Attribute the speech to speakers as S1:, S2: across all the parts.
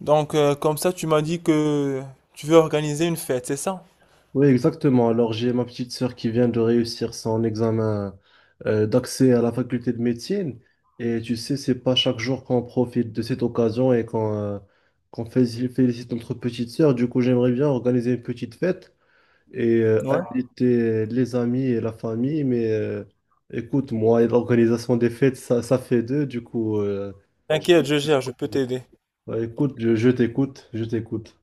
S1: Comme ça, tu m'as dit que tu veux organiser une fête, c'est ça?
S2: Oui, exactement. Alors, j'ai ma petite sœur qui vient de réussir son examen d'accès à la faculté de médecine. Et tu sais, c'est pas chaque jour qu'on profite de cette occasion et qu'on félicite notre petite sœur. Du coup, j'aimerais bien organiser une petite fête et
S1: Ouais.
S2: inviter les amis et la famille. Mais écoute, moi et l'organisation des fêtes, ça fait deux. Du coup,
S1: T'inquiète, je gère, je peux t'aider.
S2: bah, écoute, je t'écoute, je t'écoute.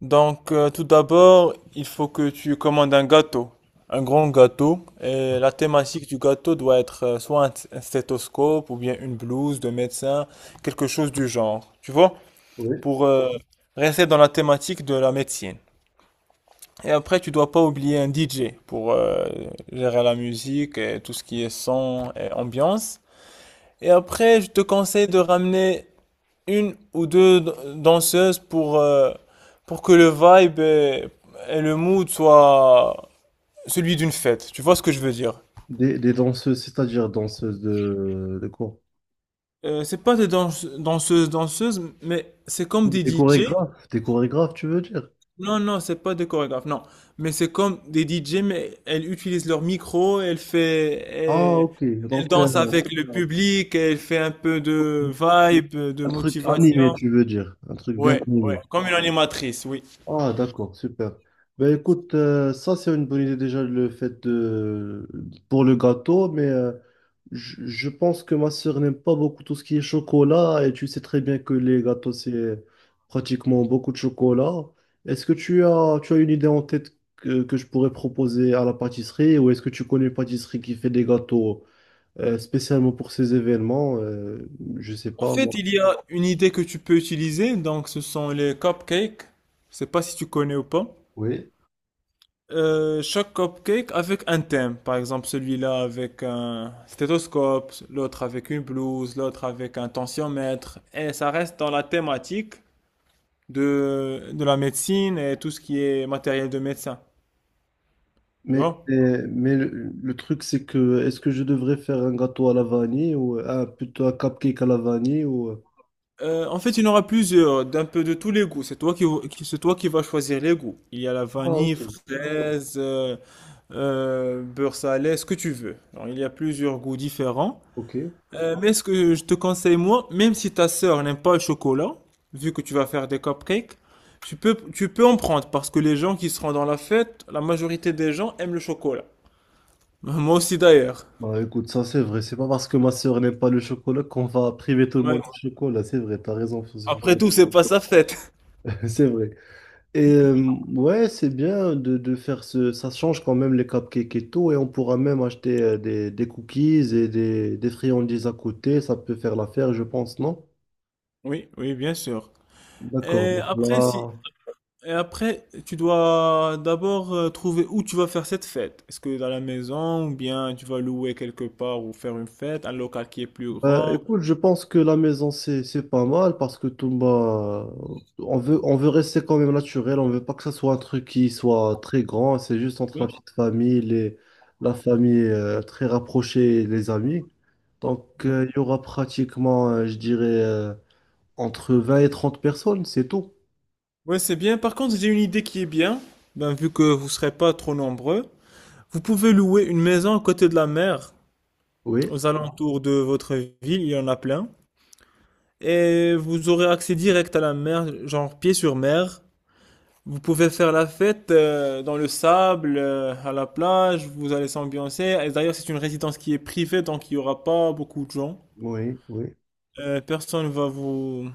S1: Tout d'abord, il faut que tu commandes un gâteau, un grand gâteau, et la thématique du gâteau doit être soit un stéthoscope ou bien une blouse de médecin, quelque chose du genre, tu vois,
S2: Oui.
S1: pour rester dans la thématique de la médecine. Et après, tu dois pas oublier un DJ pour gérer la musique et tout ce qui est son et ambiance. Et après, je te conseille de ramener une ou deux danseuses pour que le vibe et le mood soient celui d'une fête. Tu vois ce que je veux dire?
S2: Des danseuses, c'est-à-dire danseuses de quoi?
S1: C'est pas des danseuses, danseuses, mais c'est comme des DJ.
S2: Des chorégraphes, tu veux dire?
S1: Non, non, c'est pas des chorégraphes, non. Mais c'est comme des DJ, mais elles utilisent leur micro, elles fait,
S2: Ah,
S1: elles,
S2: ok.
S1: elles
S2: Donc,
S1: dansent avec le public, elles fait un peu de
S2: ok.
S1: vibe, de
S2: Un truc animé,
S1: motivation.
S2: tu veux dire? Un truc bien
S1: Ouais, ouais,
S2: animé.
S1: comme une animatrice, oui.
S2: Ah, d'accord, super. Ben écoute, ça c'est une bonne idée déjà le fait de pour le gâteau, mais je pense que ma sœur n'aime pas beaucoup tout ce qui est chocolat et tu sais très bien que les gâteaux c'est pratiquement beaucoup de chocolat. Est-ce que tu as une idée en tête que je pourrais proposer à la pâtisserie ou est-ce que tu connais une pâtisserie qui fait des gâteaux? Spécialement pour ces événements, je sais
S1: En
S2: pas
S1: fait,
S2: moi.
S1: il y a une idée que tu peux utiliser, donc ce sont les cupcakes. Je sais pas si tu connais ou pas.
S2: Oui.
S1: Chaque cupcake avec un thème. Par exemple, celui-là avec un stéthoscope, l'autre avec une blouse, l'autre avec un tensiomètre. Et ça reste dans la thématique de la médecine et tout ce qui est matériel de médecin. Tu vois?
S2: Mais, le truc, c'est que est-ce que je devrais faire un gâteau à la vanille ou un, plutôt un cupcake à la vanille ou...
S1: En fait, il y en aura plusieurs, d'un peu de tous les goûts. C'est toi c'est toi qui vas choisir les goûts. Il y a la
S2: Ah,
S1: vanille,
S2: ok.
S1: fraise, beurre salé, ce que tu veux. Alors, il y a plusieurs goûts différents.
S2: Ok.
S1: Mais ce que je te conseille, moi, même si ta sœur n'aime pas le chocolat, vu que tu vas faire des cupcakes, tu peux en prendre parce que les gens qui seront dans la fête, la majorité des gens aiment le chocolat. Moi aussi d'ailleurs.
S2: Bah écoute, ça c'est vrai, c'est pas parce que ma sœur n'aime pas le chocolat qu'on va priver tout le
S1: Ouais.
S2: monde du chocolat, c'est vrai, t'as raison
S1: Après
S2: ce
S1: tout,
S2: point.
S1: c'est pas sa fête.
S2: C'est vrai. Et ouais, c'est bien de faire ce. Ça change quand même les cupcakes et tout. Et on pourra même acheter des cookies et des friandises à côté. Ça peut faire l'affaire, je pense, non?
S1: Oui, oui, bien sûr.
S2: D'accord.
S1: Et
S2: Donc
S1: après,
S2: là,
S1: si, Et après, tu dois d'abord trouver où tu vas faire cette fête. Est-ce que dans la maison ou bien tu vas louer quelque part ou faire une fête, un local qui est plus
S2: bah,
S1: grand.
S2: écoute, je pense que la maison, c'est pas mal parce que tout, bah, on veut rester quand même naturel. On veut pas que ça soit un truc qui soit très grand. C'est juste entre la petite famille, les, la famille très rapprochée et les amis. Donc, il y aura pratiquement, je dirais. Entre 20 et 30 personnes, c'est tout.
S1: Ouais, c'est bien. Par contre, j'ai une idée qui est bien. Ben, vu que vous serez pas trop nombreux, vous pouvez louer une maison à côté de la mer,
S2: Oui,
S1: aux alentours de votre ville, il y en a plein. Et vous aurez accès direct à la mer, genre pied sur mer. Vous pouvez faire la fête dans le sable, à la plage, vous allez s'ambiancer. Et d'ailleurs, c'est une résidence qui est privée, donc il n'y aura pas beaucoup de gens.
S2: oui, oui,
S1: Euh, personne va vous...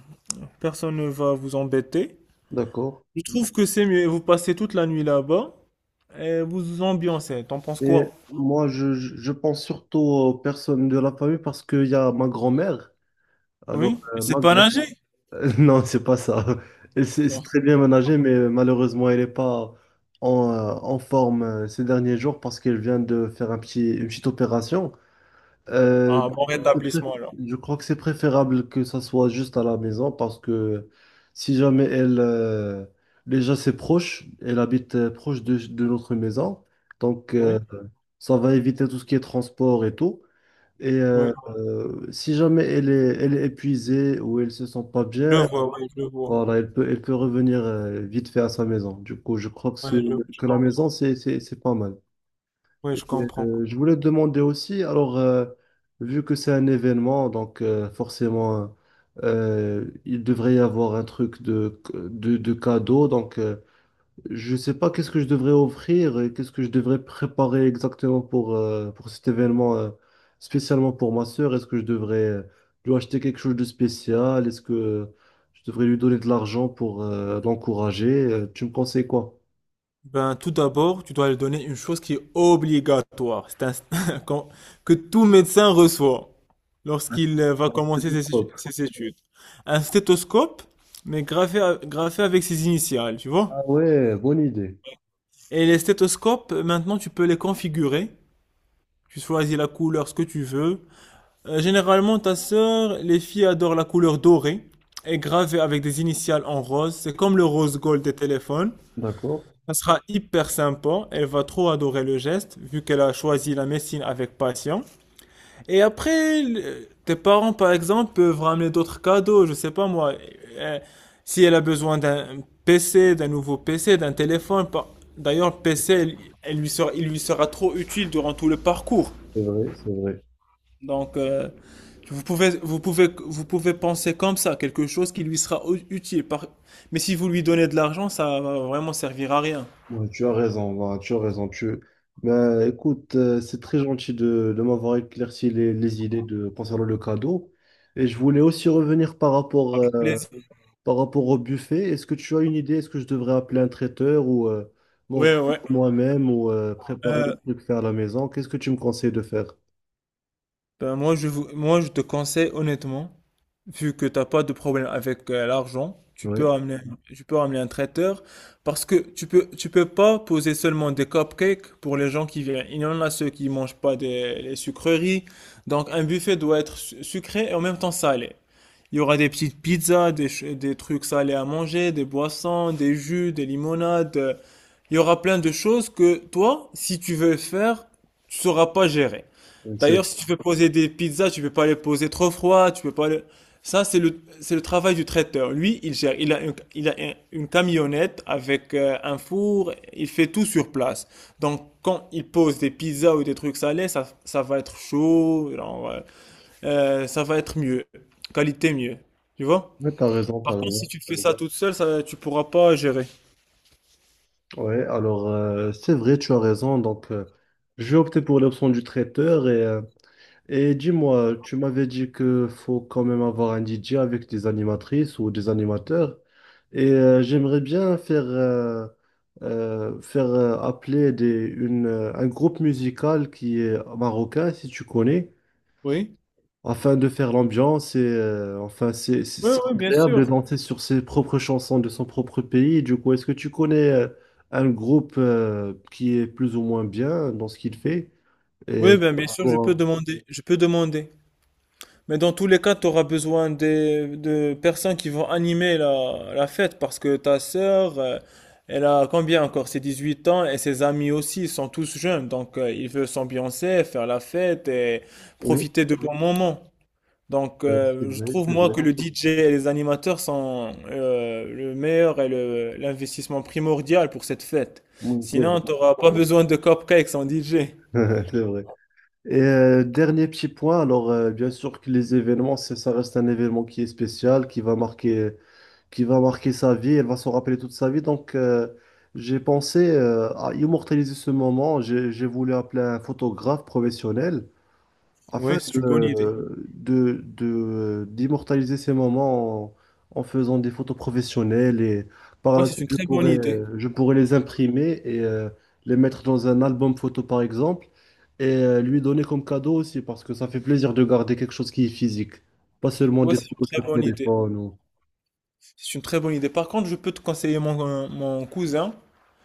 S1: personne ne va vous embêter.
S2: d'accord.
S1: Je trouve que c'est mieux. Vous passez toute la nuit là-bas et vous vous ambiancez. T'en penses
S2: Et
S1: quoi?
S2: moi, je pense surtout aux personnes de la famille parce qu'il y a ma grand-mère. Alors,
S1: Oui? C'est
S2: ma
S1: pas
S2: grand
S1: nager?
S2: Non, c'est pas ça. Elle s'est c'est très bien ménagée, mais malheureusement, elle n'est pas en, en forme ces derniers jours parce qu'elle vient de faire un petit, une petite opération. Euh,
S1: Ah, bon
S2: je pré-
S1: rétablissement alors.
S2: je crois que c'est préférable que ça soit juste à la maison parce que si jamais elle, déjà c'est proche, elle habite proche de notre maison, donc
S1: Oui?
S2: ça va éviter tout ce qui est transport et tout. Et
S1: Oui.
S2: si jamais elle est épuisée ou elle se sent pas
S1: Je
S2: bien,
S1: vois, oui, je vois.
S2: voilà, elle peut revenir vite fait à sa maison. Du coup, je crois
S1: Oui, je
S2: que la
S1: comprends.
S2: maison, c'est pas mal.
S1: Oui,
S2: Et,
S1: je comprends.
S2: je voulais te demander aussi, alors, vu que c'est un événement, donc forcément, il devrait y avoir un truc de cadeau. Donc, je sais pas qu'est-ce que je devrais offrir et qu'est-ce que je devrais préparer exactement pour cet événement, spécialement pour ma sœur. Est-ce que je devrais lui acheter quelque chose de spécial? Est-ce que je devrais lui donner de l'argent pour l'encourager? Tu me conseilles quoi?
S1: Ben, tout d'abord, tu dois lui donner une chose qui est obligatoire, c'est un- qu'on- que tout médecin reçoit lorsqu'il va
S2: D'accord, c'est
S1: commencer
S2: tout propre.
S1: ses études. Un stéthoscope, mais gravé avec ses initiales, tu vois?
S2: Ah ouais, bonne idée.
S1: Et les stéthoscopes, maintenant, tu peux les configurer. Tu choisis la couleur, ce que tu veux. Généralement, ta sœur, les filles adorent la couleur dorée et gravée avec des initiales en rose. C'est comme le rose gold des téléphones.
S2: D'accord.
S1: Ça sera hyper sympa. Elle va trop adorer le geste, vu qu'elle a choisi la médecine avec passion. Et après, tes parents, par exemple, peuvent ramener d'autres cadeaux. Je sais pas moi. euh, si elle a besoin d'un PC, d'un nouveau PC, d'un téléphone. D'ailleurs, le PC, elle lui sera, il lui sera trop utile durant tout le parcours.
S2: C'est vrai, c'est vrai.
S1: Donc, euh, vous pouvez, vous pouvez, vous pouvez penser comme ça, quelque chose qui lui sera utile. Mais si vous lui donnez de l'argent, ça va vraiment servir à rien.
S2: Ouais, tu as raison, Laura, tu as raison. Tu... Ben, écoute, c'est très gentil de m'avoir éclairci les idées de, concernant le cadeau. Et je voulais aussi revenir
S1: Plaisir.
S2: par rapport au buffet. Est-ce que tu as une idée? Est-ce que je devrais appeler un traiteur ou
S1: Ouais,
S2: m'organiser
S1: ouais.
S2: moi-même ou préparer
S1: Euh,
S2: le truc faire à la maison? Qu'est-ce que tu me conseilles de faire?
S1: ben moi, moi, je te conseille honnêtement, vu que tu n'as pas de problème avec l'argent,
S2: Oui,
S1: tu peux ramener un traiteur parce que tu peux pas poser seulement des cupcakes pour les gens qui viennent. Il y en a ceux qui mangent pas les sucreries. Donc, un buffet doit être sucré et en même temps salé. Il y aura des petites pizzas, des trucs salés à manger, des boissons, des jus, des limonades. Il y aura plein de choses que toi, si tu veux faire, tu sauras pas gérer.
S2: c'est
S1: D'ailleurs, si tu veux poser des pizzas, tu peux pas les poser trop froid, tu peux pas les... Ça, c'est c'est le travail du traiteur. Lui, il gère, il a une camionnette avec un four, il fait tout sur place. Donc, quand il pose des pizzas ou des trucs salés, ça va être chaud, ça va être mieux, qualité mieux. Tu vois?
S2: vrai. T'as raison, t'as
S1: Parce que
S2: raison.
S1: tu fais ça toute seule, ça, tu pourras pas gérer.
S2: Ouais, alors c'est vrai, tu as raison. Donc, je vais opter pour l'option du traiteur et et dis-moi, tu m'avais dit que faut quand même avoir un DJ avec des animatrices ou des animateurs. Et j'aimerais bien faire, faire appeler un groupe musical qui est marocain, si tu connais,
S1: Oui?
S2: afin de faire l'ambiance. Et enfin,
S1: Oui,
S2: c'est
S1: oui, bien
S2: agréable
S1: sûr.
S2: de danser sur ses propres chansons de son propre pays. Du coup, est-ce que tu connais un groupe qui est plus ou moins bien dans ce qu'il fait? Et
S1: Oui, ben, bien sûr, je peux
S2: pour-
S1: demander, je peux demander. Mais dans tous les cas, tu auras besoin de personnes qui vont animer la fête parce que ta sœur, elle a combien encore? C'est 18 ans et ses amis aussi, ils sont tous jeunes. Il veut s'ambiancer, faire la fête et
S2: oui,
S1: profiter de bons moments.
S2: c'est
S1: Je
S2: vrai.
S1: trouve moi que le DJ et les animateurs sont le meilleur et l'investissement primordial pour cette fête.
S2: Oui, c'est vrai.
S1: Sinon, tu n'auras pas besoin de cupcakes en DJ.
S2: C'est vrai. Et dernier petit point, alors bien sûr que les événements, ça reste un événement qui est spécial, qui va marquer sa vie, elle va se rappeler toute sa vie. Donc j'ai pensé à immortaliser ce moment. J'ai voulu appeler un photographe professionnel afin
S1: Oui, c'est une bonne
S2: de,
S1: idée.
S2: d'immortaliser ces moments en, en faisant des photos professionnelles et par
S1: Oui,
S2: la
S1: c'est
S2: suite
S1: une très bonne idée.
S2: je pourrais les imprimer et les mettre dans un album photo par exemple. Et lui donner comme cadeau aussi parce que ça fait plaisir de garder quelque chose qui est physique, pas seulement
S1: Ouais,
S2: des
S1: c'est une
S2: photos
S1: très
S2: sur
S1: bonne idée.
S2: téléphone ou...
S1: C'est une très bonne idée. Par contre, je peux te conseiller mon, mon cousin.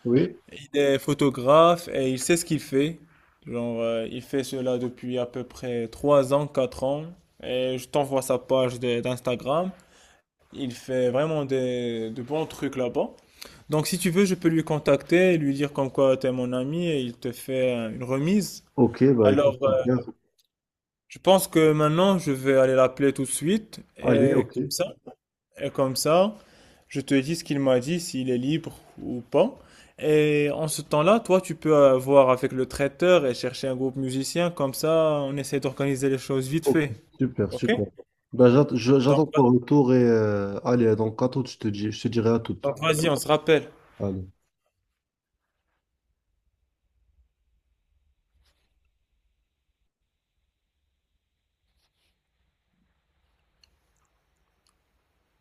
S2: Oui,
S1: Il est photographe et il sait ce qu'il fait. Genre, il fait cela depuis à peu près 3 ans, 4 ans. Et je t'envoie sa page d'Instagram. Il fait vraiment de bons trucs là-bas. Donc, si tu veux, je peux lui contacter et lui dire comme quoi t'es mon ami et il te fait une remise.
S2: ok, bah
S1: Alors,
S2: écoute,
S1: euh,
S2: super.
S1: je pense que maintenant, je vais aller l'appeler tout de suite.
S2: Allez, ok,
S1: Et comme ça, je te dis ce qu'il m'a dit, s'il est libre ou pas. Et en ce temps-là, toi, tu peux voir avec le traiteur et chercher un groupe musicien. Comme ça, on essaie d'organiser les choses vite
S2: ok,
S1: fait.
S2: super,
S1: OK?
S2: super. Bah,
S1: Donc,
S2: j'attends ton
S1: va-
S2: retour et allez, donc à toute, je te dis, je te dirai à toute.
S1: donc vas-y, on se rappelle.
S2: Allez.